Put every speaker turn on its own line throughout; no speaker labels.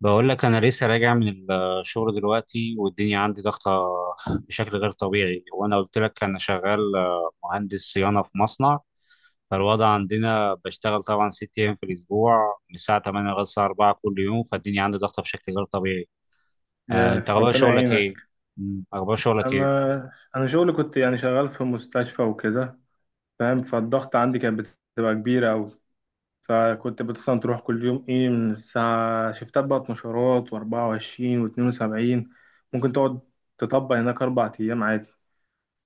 بقول لك انا لسه راجع من الشغل دلوقتي، والدنيا عندي ضغطه بشكل غير طبيعي. وانا قلت لك انا شغال، مهندس صيانه في مصنع. فالوضع عندنا بشتغل طبعا 6 ايام في الاسبوع من الساعه 8 لغايه الساعه 4 كل يوم، فالدنيا عندي ضغطه بشكل غير طبيعي. انت
يا
اخبار
ربنا
شغلك
يعينك.
ايه؟ اخبار شغلك ايه؟
انا شغلي كنت يعني شغال في مستشفى وكده، فاهم، فالضغط عندي كانت بتبقى كبيره قوي، فكنت مثلا تروح كل يوم ايه من الساعه شفتات بقى مشارات و24 و72، ممكن تقعد تطبق هناك 4 ايام عادي،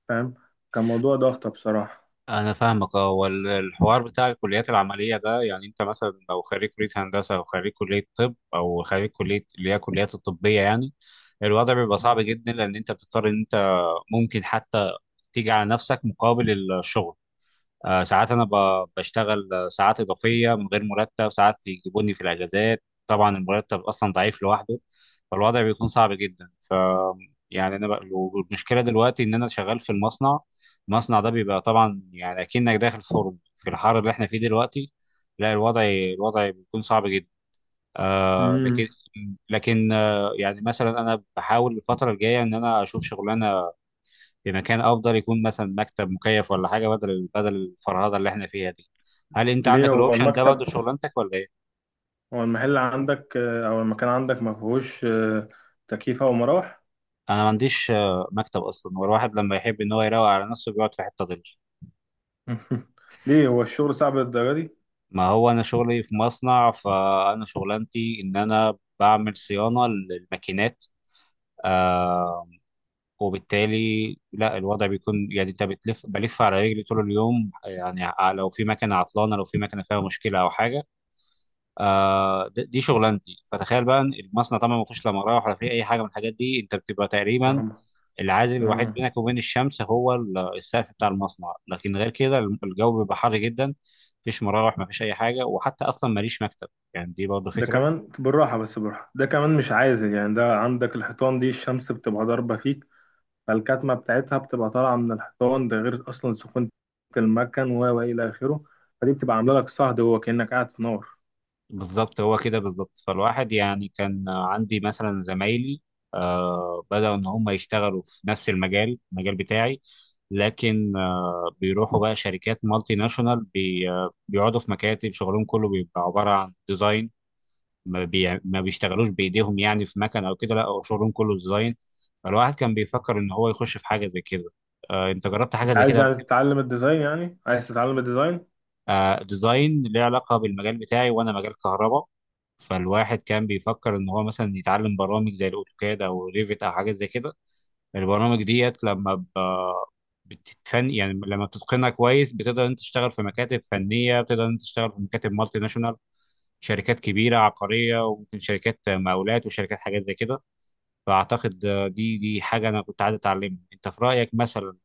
فاهم، كان موضوع ضغطه بصراحه.
انا فاهمك اه. والحوار بتاع الكليات العمليه ده، يعني انت مثلا لو خريج كليه هندسه او خريج كليه طب او خريج كليه اللي هي الكليات الطبيه يعني، الوضع بيبقى صعب جدا لان انت بتضطر ان انت ممكن حتى تيجي على نفسك مقابل الشغل. ساعات انا بشتغل ساعات اضافيه من غير مرتب، ساعات يجيبوني في الاجازات، طبعا المرتب اصلا ضعيف لوحده. فالوضع بيكون صعب جدا، يعني والمشكله دلوقتي ان انا شغال في المصنع. المصنع ده بيبقى طبعا يعني اكنك داخل فرن في الحر اللي احنا فيه دلوقتي. لا، الوضع بيكون صعب جدا. آه لكن
امم
لكن يعني مثلا انا بحاول الفتره الجايه ان انا اشوف شغلانه في مكان افضل، يكون مثلا مكتب مكيف ولا حاجه، بدل الفرهده اللي احنا فيها دي. هل انت
ليه
عندك
هو
الاوبشن ده برضه
المكتب،
في شغلانتك ولا ايه؟
هو المحل عندك او المكان عندك ما فيهوش تكييف او مراوح؟
انا ما عنديش مكتب اصلا، هو الواحد لما يحب ان هو يروق على نفسه بيقعد في حته ظل.
ليه هو الشغل صعب للدرجه دي؟
ما هو انا شغلي في مصنع، فانا شغلانتي ان انا بعمل صيانه للماكينات. آه وبالتالي لا، الوضع بيكون يعني انت بتلف بلف على رجلي طول اليوم، يعني لو في مكنه عطلانه، لو في مكنه فيها مشكله او حاجه، دي شغلانتي. فتخيل بقى إن المصنع طبعا ما فيهوش لا مراوح ولا فيه اي حاجه من الحاجات دي، انت بتبقى تقريبا العازل الوحيد
مهما،
بينك وبين الشمس هو السقف بتاع المصنع، لكن غير كده الجو بيبقى حر جدا. مفيش مراوح، مفيش اي حاجه، وحتى اصلا ماليش مكتب، يعني دي برضه
ده
فكره.
كمان بالراحة، بس بالراحة ده كمان مش عازل، يعني ده عندك الحيطان دي الشمس بتبقى ضاربة فيك، فالكتمة بتاعتها بتبقى طالعة من الحيطان، ده غير أصلا سخونة المكن و إلى آخره، فدي بتبقى عاملة لك صهد هو كأنك قاعد في نار.
بالظبط، هو كده بالظبط. فالواحد يعني كان عندي مثلا زمايلي بدأوا ان هم يشتغلوا في نفس المجال بتاعي. لكن بيروحوا بقى شركات مالتي ناشونال، بي آه، بيقعدوا في مكاتب، شغلهم كله بيبقى عبارة عن ديزاين. ما بيشتغلوش بإيديهم، يعني في مكن أو كده، لا هو شغلهم كله ديزاين. فالواحد كان بيفكر إن هو يخش في حاجة زي كده. أنت جربت حاجة
أنت
زي كده
عايز
قبل؟
يعني تتعلم الديزاين؟ يعني عايز تتعلم الديزاين؟
ديزاين ليه علاقة بالمجال بتاعي، وأنا مجال كهرباء. فالواحد كان بيفكر إن هو مثلا يتعلم برامج زي الأوتوكاد أو ريفيت أو حاجات زي كده. البرامج ديت، لما بتتفن، يعني لما بتتقنها كويس، بتقدر أنت تشتغل في مكاتب فنية، بتقدر أنت تشتغل في مكاتب مالتي ناشونال، شركات كبيرة عقارية، وممكن شركات مقاولات، وشركات حاجات زي كده. فأعتقد دي حاجة أنا كنت عايز أتعلمها. أنت في رأيك مثلا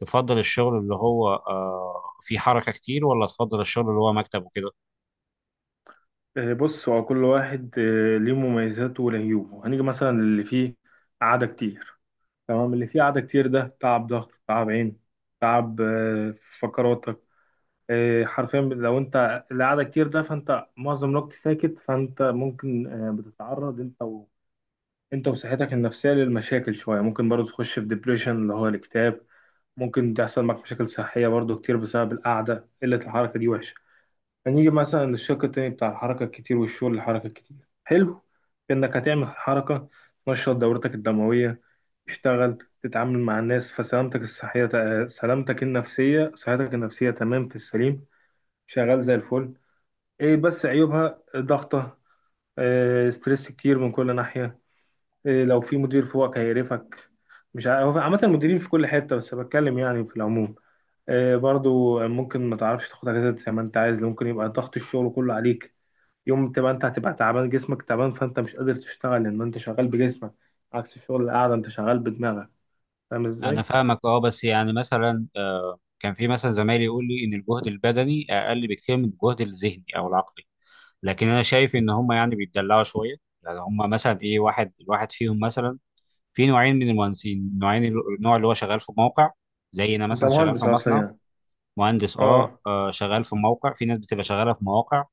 تفضل الشغل اللي هو فيه حركة كتير، ولا تفضل الشغل اللي هو مكتب وكده؟
آه، بص، هو كل واحد ليه مميزاته وليه عيوبه، هنيجي مثلا اللي فيه قعدة كتير، تمام، اللي فيه قعدة كتير ده تعب ضهر، تعب عين، تعب فقرات، إيه، حرفيا لو انت القعده كتير ده فانت معظم الوقت ساكت، فانت ممكن بتتعرض انت وصحتك النفسيه للمشاكل شويه، ممكن برضو تخش في ديبريشن اللي هو الاكتئاب، ممكن تحصل معك مشاكل صحيه برضو كتير بسبب القعده، قله الحركه دي وحشه. هنيجي مثلا للشق التاني بتاع الحركه الكتير والشغل، الحركه الكتير حلو في انك هتعمل حركه، تنشط دورتك الدمويه، تشتغل، تتعامل مع الناس، فسلامتك الصحيه، سلامتك النفسيه، صحتك النفسيه تمام في السليم، شغال زي الفل. ايه بس عيوبها ضغطة، إيه ستريس كتير من كل ناحية، إيه لو في مدير فوقك هيقرفك، مش عارف، هو عامة المديرين في كل حتة، بس بتكلم يعني في العموم، إيه برضو ممكن ما تعرفش تاخد اجازات زي ما انت عايز، ممكن يبقى ضغط الشغل كله عليك، يوم تبقى انت هتبقى تعبان، جسمك تعبان فانت مش قادر تشتغل لان انت شغال بجسمك، عكس الشغل القعدة انت شغال بدماغك، فاهم
أنا
ازاي؟
فاهمك أه. بس يعني مثلا كان في مثلا زمايلي يقول لي إن الجهد البدني أقل بكتير من الجهد الذهني أو العقلي، لكن أنا شايف إن هم يعني بيتدلعوا شوية، يعني هم مثلا الواحد فيهم مثلا، في نوعين من المهندسين، نوعين، النوع اللي هو شغال في موقع، زي أنا
انت
مثلا شغال في
مهندس اصلا
مصنع.
يعني؟
مهندس، أه
اه.
آه، شغال في موقع، في ناس بتبقى شغالة في مواقع،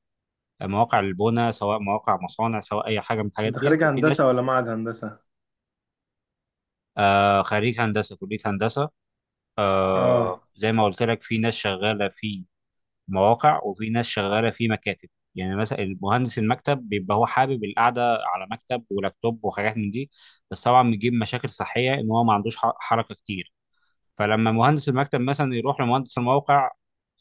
مواقع البناء، سواء مواقع مصانع، سواء اي حاجه من الحاجات
انت
ديت،
خريج
وفي ناس.
هندسة ولا معهد هندسة؟
آه، خريج هندسة كلية هندسة.
اه.
آه، زي ما قلت لك، في ناس شغالة في مواقع وفي ناس شغالة في مكاتب. يعني مثلا المهندس المكتب بيبقى هو حابب القعدة على مكتب ولابتوب وحاجات من دي، بس طبعا بيجيب مشاكل صحية إن هو ما عندوش حركة كتير. فلما مهندس المكتب مثلا يروح لمهندس الموقع،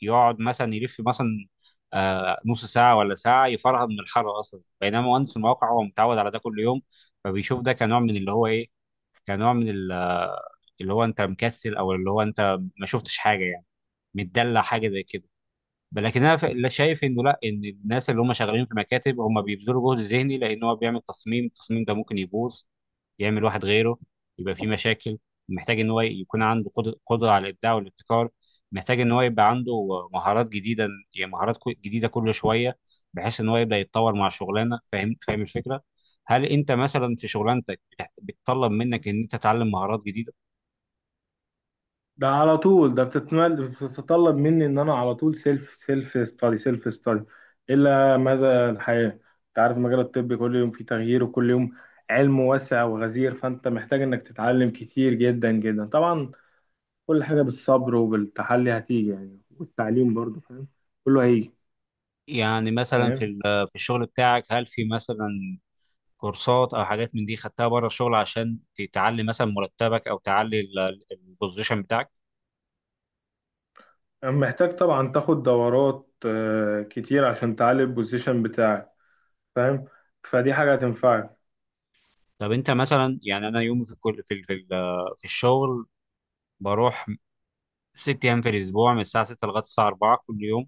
يقعد مثلا يلف مثلا نص ساعة ولا ساعة يفرهد من الحر أصلا، بينما مهندس الموقع هو متعود على ده كل يوم. فبيشوف ده كنوع من اللي هو كنوع من اللي هو انت مكسل، او اللي هو انت ما شفتش حاجه يعني، متدلع، حاجه زي كده. لكن انا لا، شايف انه لا، ان الناس اللي هم شغالين في مكاتب هم بيبذلوا جهد ذهني، لان هو بيعمل تصميم، التصميم ده ممكن يبوظ، يعمل واحد غيره، يبقى في مشاكل. محتاج ان هو يكون عنده قدرة على الابداع والابتكار. محتاج ان هو يبقى عنده مهارات جديدة، يعني مهارات جديدة كل شوية، بحيث ان هو يبدأ يتطور مع الشغلانة. فاهم الفكرة؟ هل انت مثلا في شغلانتك بتطلب منك ان انت تتعلم مهارات جديدة؟
ده على طول، ده بتتطلب مني ان انا على طول سيلف ستادي، الا ماذا الحياه، انت عارف مجال الطب كل يوم فيه تغيير، وكل يوم علم واسع وغزير، فانت محتاج انك تتعلم كتير جدا جدا طبعا، كل حاجه بالصبر وبالتحلي هتيجي، يعني والتعليم برضه فاهم، كله هيجي.
يعني مثلا في
فاهم،
ال- في الشغل بتاعك، هل في مثلا كورسات او حاجات من دي خدتها بره الشغل عشان تعلي مثلا مرتبك، او تعلي البوزيشن بتاعك؟
محتاج طبعا تاخد دورات كتير عشان تعلي البوزيشن بتاعك، فاهم، فدي حاجه هتنفعك.
طب انت مثلا، يعني انا يومي في الكل، في في الشغل بروح 6 ايام في الاسبوع من الساعه 6 لغايه الساعه 4 كل يوم،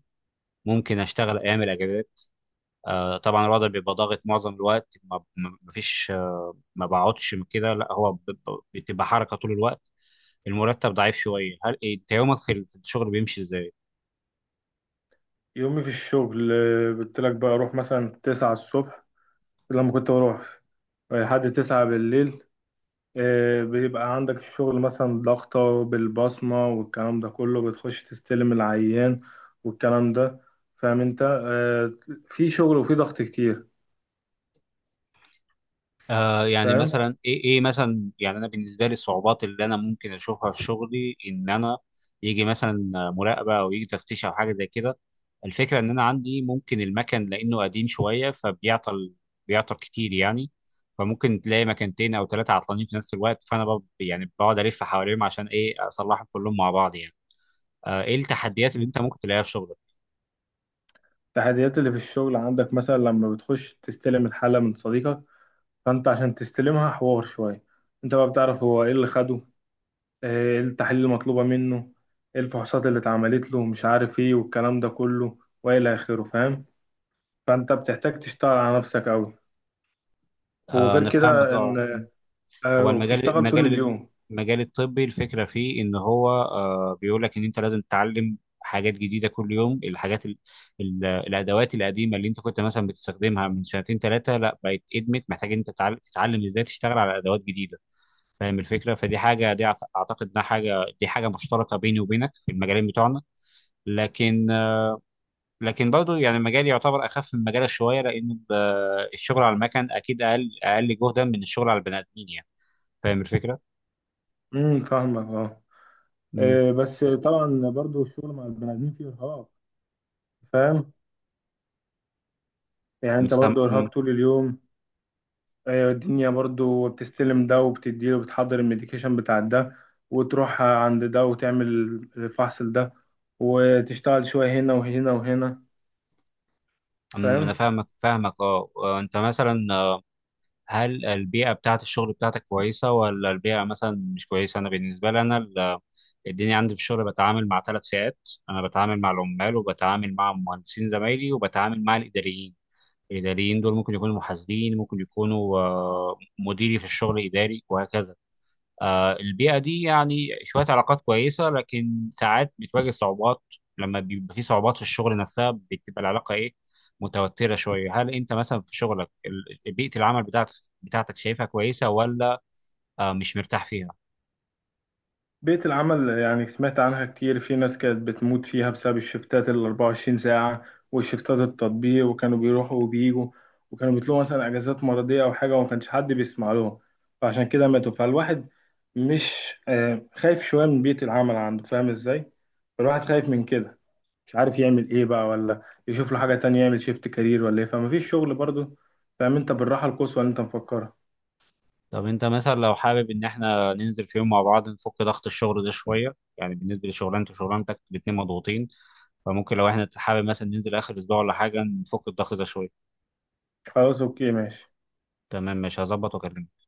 ممكن اشتغل ايام الاجازات. طبعا الوضع بيبقى ضاغط معظم الوقت، ما فيش ما بقعدش من كده، لا هو بتبقى حركه طول الوقت. المرتب ضعيف شويه. هل انت يومك في في الشغل بيمشي ازاي؟
يومي في الشغل قلت لك بقى اروح مثلا 9 الصبح، لما كنت بروح لحد 9 بالليل، بيبقى عندك الشغل مثلا ضغطة بالبصمة والكلام ده كله، بتخش تستلم العيان والكلام ده، فاهم، انت في شغل وفي ضغط كتير.
يعني
فاهم،
مثلا ايه مثلا، يعني انا بالنسبه لي الصعوبات اللي انا ممكن اشوفها في شغلي، ان انا يجي مثلا مراقبه او يجي تفتيش او حاجه زي كده. الفكره ان انا عندي ممكن، المكن لانه قديم شويه فبيعطل، بيعطل كتير يعني. فممكن تلاقي مكانتين او ثلاثه عطلانين في نفس الوقت، فانا يعني بقعد الف حواليهم، عشان اصلحهم كلهم مع بعض يعني. ايه التحديات اللي انت ممكن تلاقيها في شغلك؟
التحديات اللي في الشغل عندك مثلا لما بتخش تستلم الحالة من صديقك، فانت عشان تستلمها حوار شوية، انت بقى بتعرف هو ايه اللي خده، إيه التحاليل المطلوبة منه، إيه الفحوصات اللي اتعملت له، مش عارف ايه والكلام ده كله وإلى آخره فاهم، فأنت بتحتاج تشتغل على نفسك أوي،
آه،
وغير
انا فاهمك
كده إن
اه.
آه
هو المجال،
وبتشتغل طول
المجال
اليوم.
المجال الطبي، الفكره فيه ان هو بيقول لك ان انت لازم تتعلم حاجات جديده كل يوم. الحاجات، ال ال الادوات القديمه اللي انت كنت مثلا بتستخدمها من سنتين ثلاثه، لا بقت ادمت، محتاج ان انت تتعلم ازاي تشتغل على ادوات جديده. فاهم الفكره؟ فدي حاجه، دي اعتقد انها حاجه، دي حاجه مشتركه بيني وبينك في المجالين بتوعنا. لكن لكن برضه يعني مجالي يعتبر اخف من مجالك شويه، لان الشغل على المكن اكيد اقل، اقل جهدا من الشغل على البني ادمين يعني. فاهم الفكره.
فاهمك اه، إيه بس طبعا برضو الشغل مع البني آدمين فيه إرهاق، فاهم، يعني
مش
أنت
سام...
برضو
م-
إرهاق طول اليوم، آه الدنيا برضو بتستلم ده وبتديله، وبتحضر الميديكيشن بتاع ده، وتروح عند ده وتعمل الفحص ده، وتشتغل شوية هنا وهنا وهنا،
م- انا
فاهم.
فاهمك اه. انت مثلا هل البيئه بتاعه الشغل بتاعتك كويسه ولا البيئه مثلا مش كويسه؟ انا بالنسبه لي انا الدنيا عندي في الشغل بتعامل مع ثلاث فئات. انا بتعامل مع العمال، وبتعامل مع مهندسين زمايلي، وبتعامل مع الاداريين. الاداريين دول ممكن يكونوا محاسبين، ممكن يكونوا مديري في الشغل، اداري وهكذا. البيئة دي يعني شوية علاقات كويسة، لكن ساعات بتواجه صعوبات. لما بيبقى في صعوبات في الشغل نفسها، بتبقى العلاقة متوترة شوية. هل أنت مثلا في شغلك بيئة العمل بتاعتك شايفها كويسة، ولا مش مرتاح فيها؟
بيئة العمل يعني سمعت عنها كتير، في ناس كانت بتموت فيها بسبب الشفتات ال 24 ساعة والشفتات التطبيق، وكانوا بيروحوا وبيجوا، وكانوا بيطلبوا مثلا أجازات مرضية أو حاجة وما كانش حد بيسمع لهم، فعشان كده ماتوا، فالواحد مش خايف شوية من بيئة العمل عنده، فاهم إزاي؟ فالواحد خايف من كده، مش عارف يعمل إيه بقى، ولا يشوف له حاجة تانية يعمل شيفت كارير ولا إيه، فمفيش شغل برضه، فاهم، أنت بالراحة القصوى اللي أنت مفكرها.
طب أنت مثلا لو حابب إن إحنا ننزل في يوم مع بعض نفك ضغط الشغل ده شوية، يعني بالنسبة لشغلانتي وشغلانتك الاتنين مضغوطين، فممكن لو إحنا حابب مثلا ننزل آخر أسبوع ولا حاجة نفك الضغط ده شوية.
خلاص، أوكي ماشي.
تمام، مش هظبط وأكلمك.